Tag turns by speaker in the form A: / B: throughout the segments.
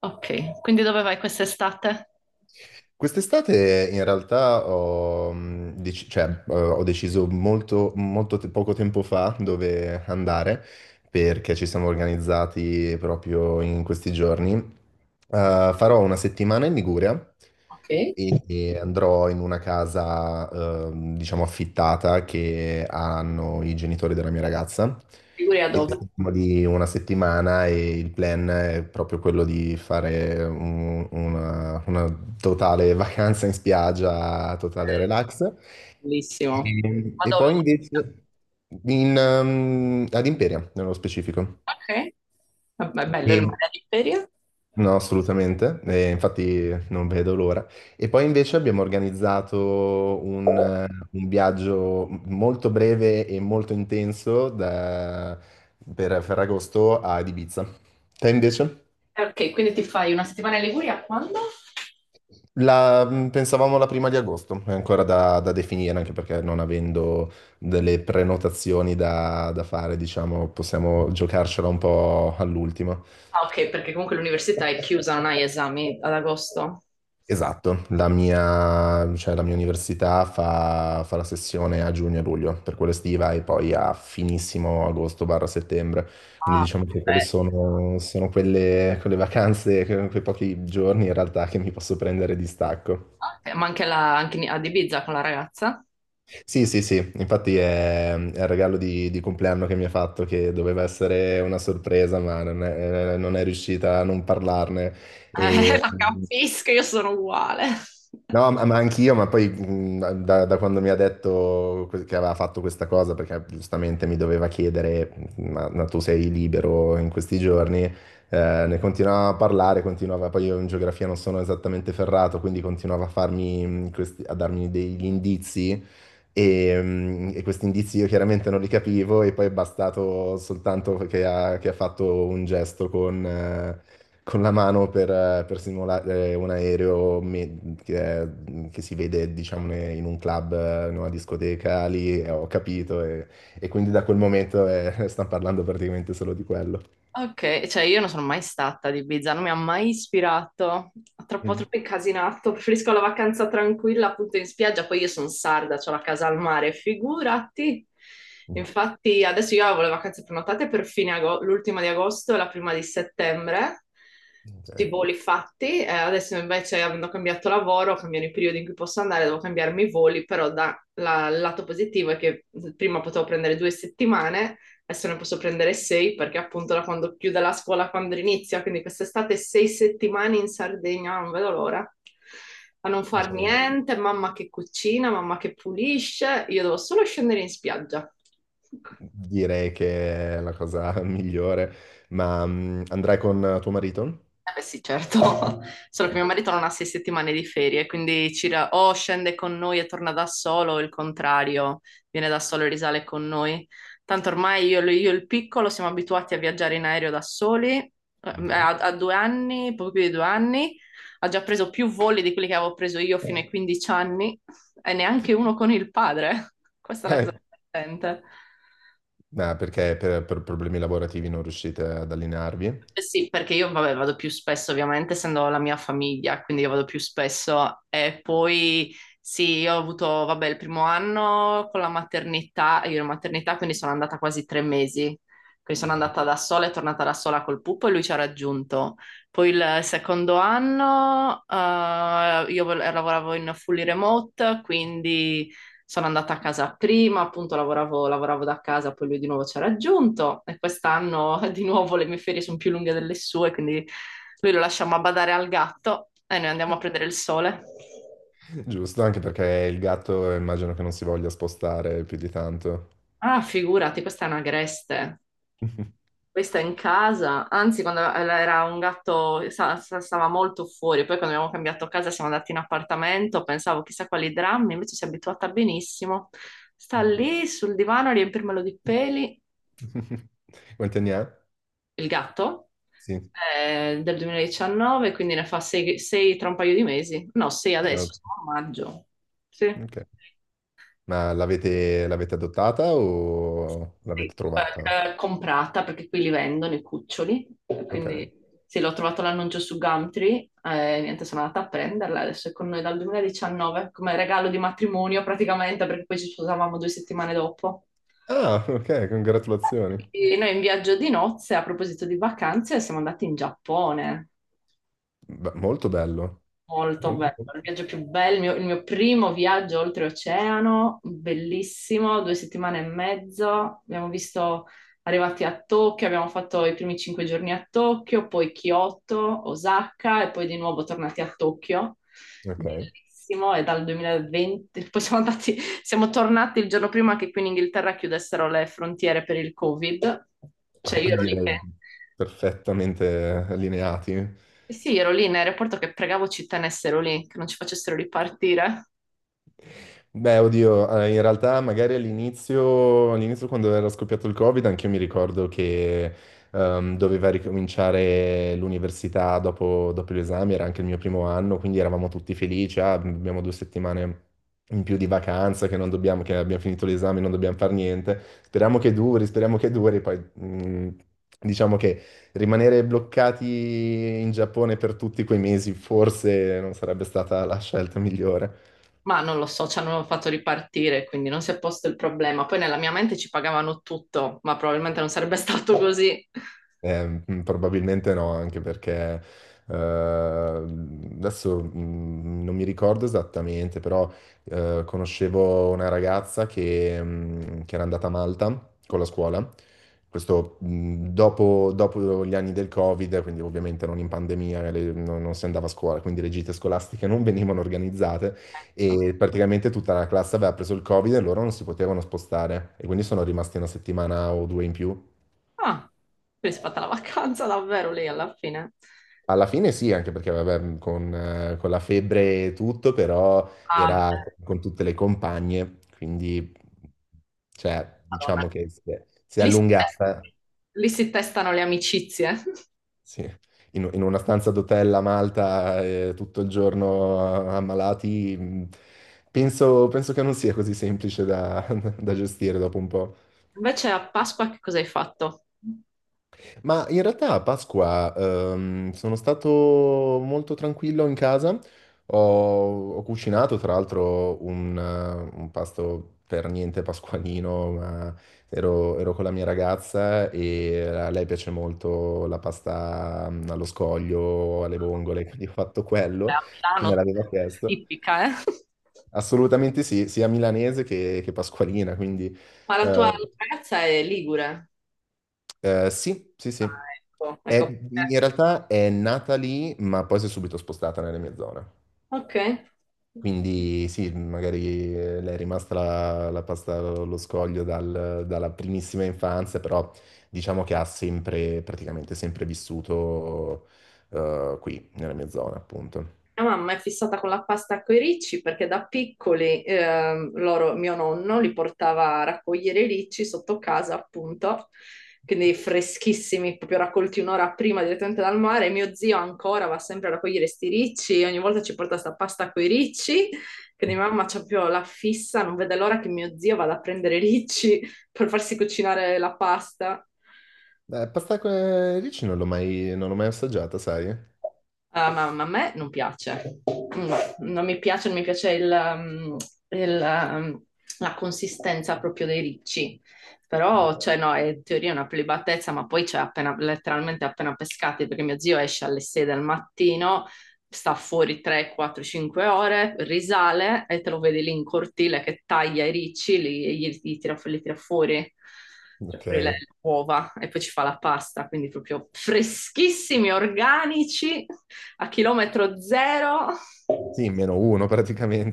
A: Ok, quindi dove vai quest'estate?
B: Quest'estate in realtà ho deciso poco tempo fa dove andare perché ci siamo organizzati proprio in questi giorni. Farò una settimana in Liguria
A: Ok,
B: e andrò in una casa, diciamo, affittata che hanno i genitori della mia ragazza.
A: Liguria
B: E
A: dove?
B: siamo lì una settimana e il plan è proprio quello di fare una totale vacanza in spiaggia, totale relax.
A: Bellissimo. Ma
B: E poi
A: dove?
B: invece ad Imperia, nello specifico.
A: Ok, vabbè, è bello il
B: E-
A: mare all'Imperia.
B: no, assolutamente, e infatti non vedo l'ora. E poi invece abbiamo organizzato un viaggio molto breve e molto intenso per Ferragosto ad Ibiza. Te invece?
A: Ok, quindi ti fai una settimana in Liguria quando?
B: Pensavamo la prima di agosto, è ancora da definire, anche perché non avendo delle prenotazioni da fare, diciamo, possiamo giocarcela un po' all'ultimo.
A: Ah, ok, perché comunque l'università è chiusa, non hai esami ad agosto.
B: Esatto, la mia università fa la sessione a giugno e luglio, per quella estiva, e poi a finissimo agosto barra settembre. Quindi
A: Ah,
B: diciamo che
A: perfetto.
B: quelle vacanze, quei pochi giorni in realtà che mi posso prendere di stacco.
A: Ok, ma anche, ad Ibiza con la ragazza?
B: Sì, sì, sì, infatti è il regalo di compleanno che mi ha fatto, che doveva essere una sorpresa, ma non è riuscita a non parlarne. E,
A: La capisco, io sono uguale.
B: no, ma anch'io, ma poi da quando mi ha detto che aveva fatto questa cosa, perché giustamente mi doveva chiedere, ma tu sei libero in questi giorni, ne continuava a parlare, continuava, poi io in geografia non sono esattamente ferrato, quindi continuava a farmi, a darmi degli indizi e questi indizi io chiaramente non li capivo e poi è bastato soltanto che ha fatto un gesto con la mano per simulare un aereo che si vede, diciamo, in un club, in una discoteca, lì ho capito e quindi da quel momento stanno parlando praticamente solo di quello.
A: Ok, cioè io non sono mai stata ad Ibiza, non mi ha mai ispirato, troppo
B: Mm.
A: troppo incasinato, preferisco la vacanza tranquilla appunto in spiaggia, poi io sono sarda, ho la casa al mare, figurati. Infatti adesso io avevo le vacanze prenotate per l'ultima di agosto e la prima di settembre, tutti i
B: Ok.
A: voli fatti, adesso invece avendo cambiato lavoro, cambiano i periodi in cui posso andare, devo cambiarmi i voli, però il lato positivo è che prima potevo prendere 2 settimane, adesso ne posso prendere sei perché appunto da quando chiude la scuola, quando inizia, quindi quest'estate 6 settimane in Sardegna, non vedo l'ora, a non far
B: Diciamo,
A: niente, mamma che cucina, mamma che pulisce, io devo solo scendere in spiaggia.
B: direi che è la cosa migliore, ma andrai con tuo marito?
A: Eh beh sì, certo, solo che mio
B: Ok.
A: marito non ha 6 settimane di ferie, quindi o scende con noi e torna da solo, o il contrario, viene da solo e risale con noi. Tanto ormai io e il piccolo siamo abituati a viaggiare in aereo da soli,
B: Ok.
A: ha, ha 2 anni, poco più di 2 anni, ha già preso più voli di quelli che avevo preso io fino ai 15 anni e neanche uno con il padre. Questa è la
B: Eh,
A: cosa divertente.
B: ma perché per problemi lavorativi non riuscite ad allinearvi?
A: Eh, sì, perché io vabbè, vado più spesso, ovviamente, essendo la mia famiglia, quindi io vado più spesso. E poi sì, io ho avuto, vabbè, il primo anno con la maternità, io ero in maternità, quindi sono andata quasi 3 mesi. Quindi sono
B: Ok.
A: andata da sola e tornata da sola col pupo e lui ci ha raggiunto. Poi il secondo anno lavoravo in fully remote, quindi sono andata a casa prima, appunto lavoravo da casa, poi lui di nuovo ci ha raggiunto e quest'anno di nuovo le mie ferie sono più lunghe delle sue, quindi lui lo lasciamo a badare al gatto e noi andiamo a prendere il sole.
B: Giusto, anche perché il gatto immagino che non si voglia spostare più di tanto.
A: Ah, figurati, questa è una greste. Questa è in casa, anzi quando era un gatto stava molto fuori, poi quando abbiamo cambiato casa siamo andati in appartamento, pensavo chissà quali drammi, invece si è abituata benissimo. Sta lì sul divano a riempirmelo di peli.
B: Quanti anni ha?
A: Il gatto,
B: Sì.
A: del 2019, quindi ne fa 6 tra un paio di mesi. No, 6
B: Eh,
A: adesso, siamo a maggio. Sì.
B: ok. L'avete adottata o l'avete
A: Sì,
B: trovata?
A: comprata perché qui li vendono i cuccioli,
B: Ok.
A: quindi sì, l'ho trovato l'annuncio su Gumtree, niente, sono andata a prenderla, adesso è con noi dal 2019, come regalo di matrimonio praticamente, perché poi ci sposavamo 2 settimane dopo.
B: Ah, ok, congratulazioni.
A: E noi in viaggio di nozze, a proposito di vacanze, siamo andati in Giappone.
B: Beh, molto bello.
A: Molto
B: Molto-
A: bello, il viaggio più bello, il mio primo viaggio oltreoceano, bellissimo, 2 settimane e mezzo, abbiamo visto, arrivati a Tokyo, abbiamo fatto i primi 5 giorni a Tokyo, poi Kyoto, Osaka e poi di nuovo tornati a Tokyo,
B: Ok.
A: bellissimo, e dal 2020, poi siamo andati, siamo tornati il giorno prima che qui in Inghilterra chiudessero le frontiere per il Covid, cioè io ero lì che.
B: Direi perfettamente allineati.
A: Eh, sì, ero lì in aeroporto che pregavo ci tenessero lì, che non ci facessero ripartire.
B: Beh, oddio, in realtà magari all'inizio quando era scoppiato il Covid, anche io mi ricordo che doveva ricominciare l'università dopo gli esami, era anche il mio primo anno, quindi eravamo tutti felici, ah, abbiamo due settimane in più di vacanza, che abbiamo finito l'esame, non dobbiamo fare niente, speriamo che duri, poi diciamo che rimanere bloccati in Giappone per tutti quei mesi forse non sarebbe stata la scelta migliore.
A: Ma non lo so, ci hanno fatto ripartire, quindi non si è posto il problema. Poi nella mia mente ci pagavano tutto, ma probabilmente non sarebbe stato così.
B: Probabilmente no, anche perché adesso non mi ricordo esattamente, però conoscevo una ragazza che era andata a Malta con la scuola, questo dopo gli anni del Covid, quindi ovviamente non in pandemia, non si andava a scuola, quindi le gite scolastiche non venivano organizzate e praticamente tutta la classe aveva preso il Covid e loro non si potevano spostare e quindi sono rimasti una settimana o due in più.
A: Ah, quindi si è fatta la vacanza davvero lì alla fine.
B: Alla fine sì, anche perché vabbè, mhmm, con la febbre e tutto, però
A: Ah, beh.
B: era con tutte le compagne, quindi cioè, diciamo
A: Madonna.
B: che si è
A: Lì si test-
B: allungata,
A: Lì si testano le amicizie.
B: sì. In una stanza d'hotel a Malta, tutto il giorno ammalati, penso che non sia così semplice da, da gestire dopo un po'.
A: Invece a Pasqua che cosa hai fatto? Beh.
B: Ma in realtà a Pasqua sono stato molto tranquillo in casa, ho cucinato tra l'altro un pasto per niente pasqualino, ma ero con la mia ragazza e a lei piace molto la pasta allo scoglio, alle vongole, quindi ho fatto
A: A
B: quello che me
A: Milano,
B: l'aveva chiesto.
A: tipica, eh?
B: Assolutamente sì, sia milanese che pasqualina, quindi
A: Ma la tua
B: eh,
A: ragazza è ligure.
B: sì, sì,
A: Ah,
B: sì.
A: ecco, ecco.
B: In realtà è nata lì, ma poi si è subito spostata nelle mie zone.
A: Ok.
B: Quindi sì, magari le è rimasta la pasta allo scoglio dalla primissima infanzia, però diciamo che ha sempre, praticamente sempre vissuto qui, nella mia zona, appunto.
A: Mia mamma è fissata con la pasta coi ricci perché da piccoli loro, mio nonno li portava a raccogliere i ricci sotto casa, appunto, quindi freschissimi, proprio raccolti un'ora prima direttamente dal mare. Mio zio ancora va sempre a raccogliere sti ricci, ogni volta ci porta sta pasta coi ricci, quindi mamma c'ha proprio la fissa, non vede l'ora che mio zio vada a prendere i ricci per farsi cucinare la pasta.
B: Pasta con ricci non l'ho mai assaggiata, sai?
A: Ah, ma a me non piace. No, non mi piace il, um, la consistenza proprio dei ricci. Però, cioè, no, è in teoria una prelibatezza, ma poi c'è cioè, appena, letteralmente appena pescati, perché mio zio esce alle 6 del mattino, sta fuori 3, 4, 5 ore, risale e te lo vedi lì in cortile che taglia i ricci, li, e gli tira, li tira fuori cioè
B: Ok.
A: fuori le uova e poi ci fa la pasta, quindi proprio freschissimi, organici a chilometro zero.
B: Sì, meno uno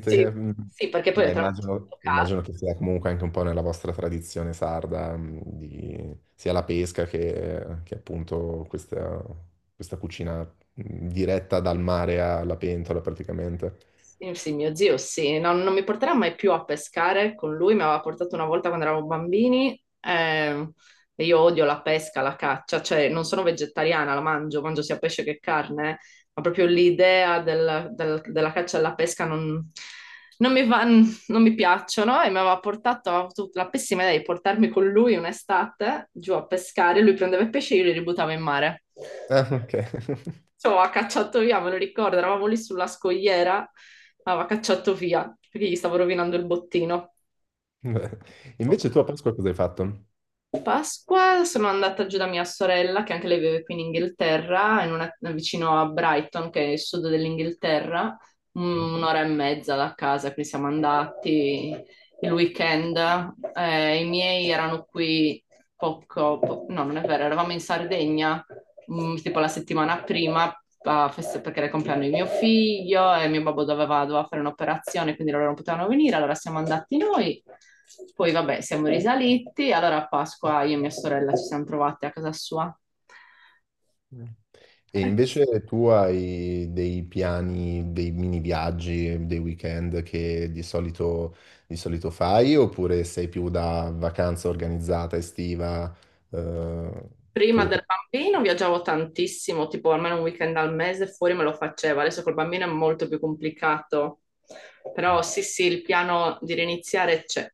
A: Sì,
B: Mm.
A: sì, perché poi le
B: Dai,
A: trame
B: immagino,
A: sotto casa.
B: immagino che sia comunque anche un po' nella vostra tradizione sarda, mm, sia la pesca che appunto questa, questa cucina mm, diretta dal mare alla pentola praticamente.
A: Sì, sì, mio zio, sì. No, non mi porterà mai più a pescare con lui, mi aveva portato una volta quando eravamo bambini e io odio la pesca, la caccia, cioè non sono vegetariana, mangio sia pesce che carne, eh. Ma proprio l'idea della caccia e della pesca non mi piacciono e aveva avuto la pessima idea di portarmi con lui un'estate giù a pescare, lui prendeva i pesci e io li ributtavo in mare,
B: Ah, ok.
A: ci aveva cacciato via, me lo ricordo, eravamo lì sulla scogliera, aveva cacciato via perché gli stavo rovinando il bottino.
B: Beh, invece tu a Pasqua cosa hai fatto?
A: Pasqua sono andata giù da mia sorella, che anche lei vive qui in Inghilterra, vicino a Brighton, che è il sud dell'Inghilterra, un'ora e mezza da casa, quindi siamo andati il weekend. I miei erano qui poco, no, non è vero, eravamo in Sardegna tipo la settimana prima, perché era il compleanno di mio figlio e mio babbo doveva fare un'operazione, quindi loro non potevano venire, allora siamo andati noi. Poi vabbè, siamo risaliti, allora a Pasqua io e mia sorella ci siamo trovate a casa sua.
B: Eh? E invece tu hai dei piani, dei mini viaggi, dei weekend che di solito fai oppure sei più da vacanza organizzata estiva? Eh?
A: Prima del bambino viaggiavo tantissimo, tipo almeno un weekend al mese fuori me lo facevo, adesso col bambino è molto più complicato. Però sì, sì, il piano di riniziare c'è.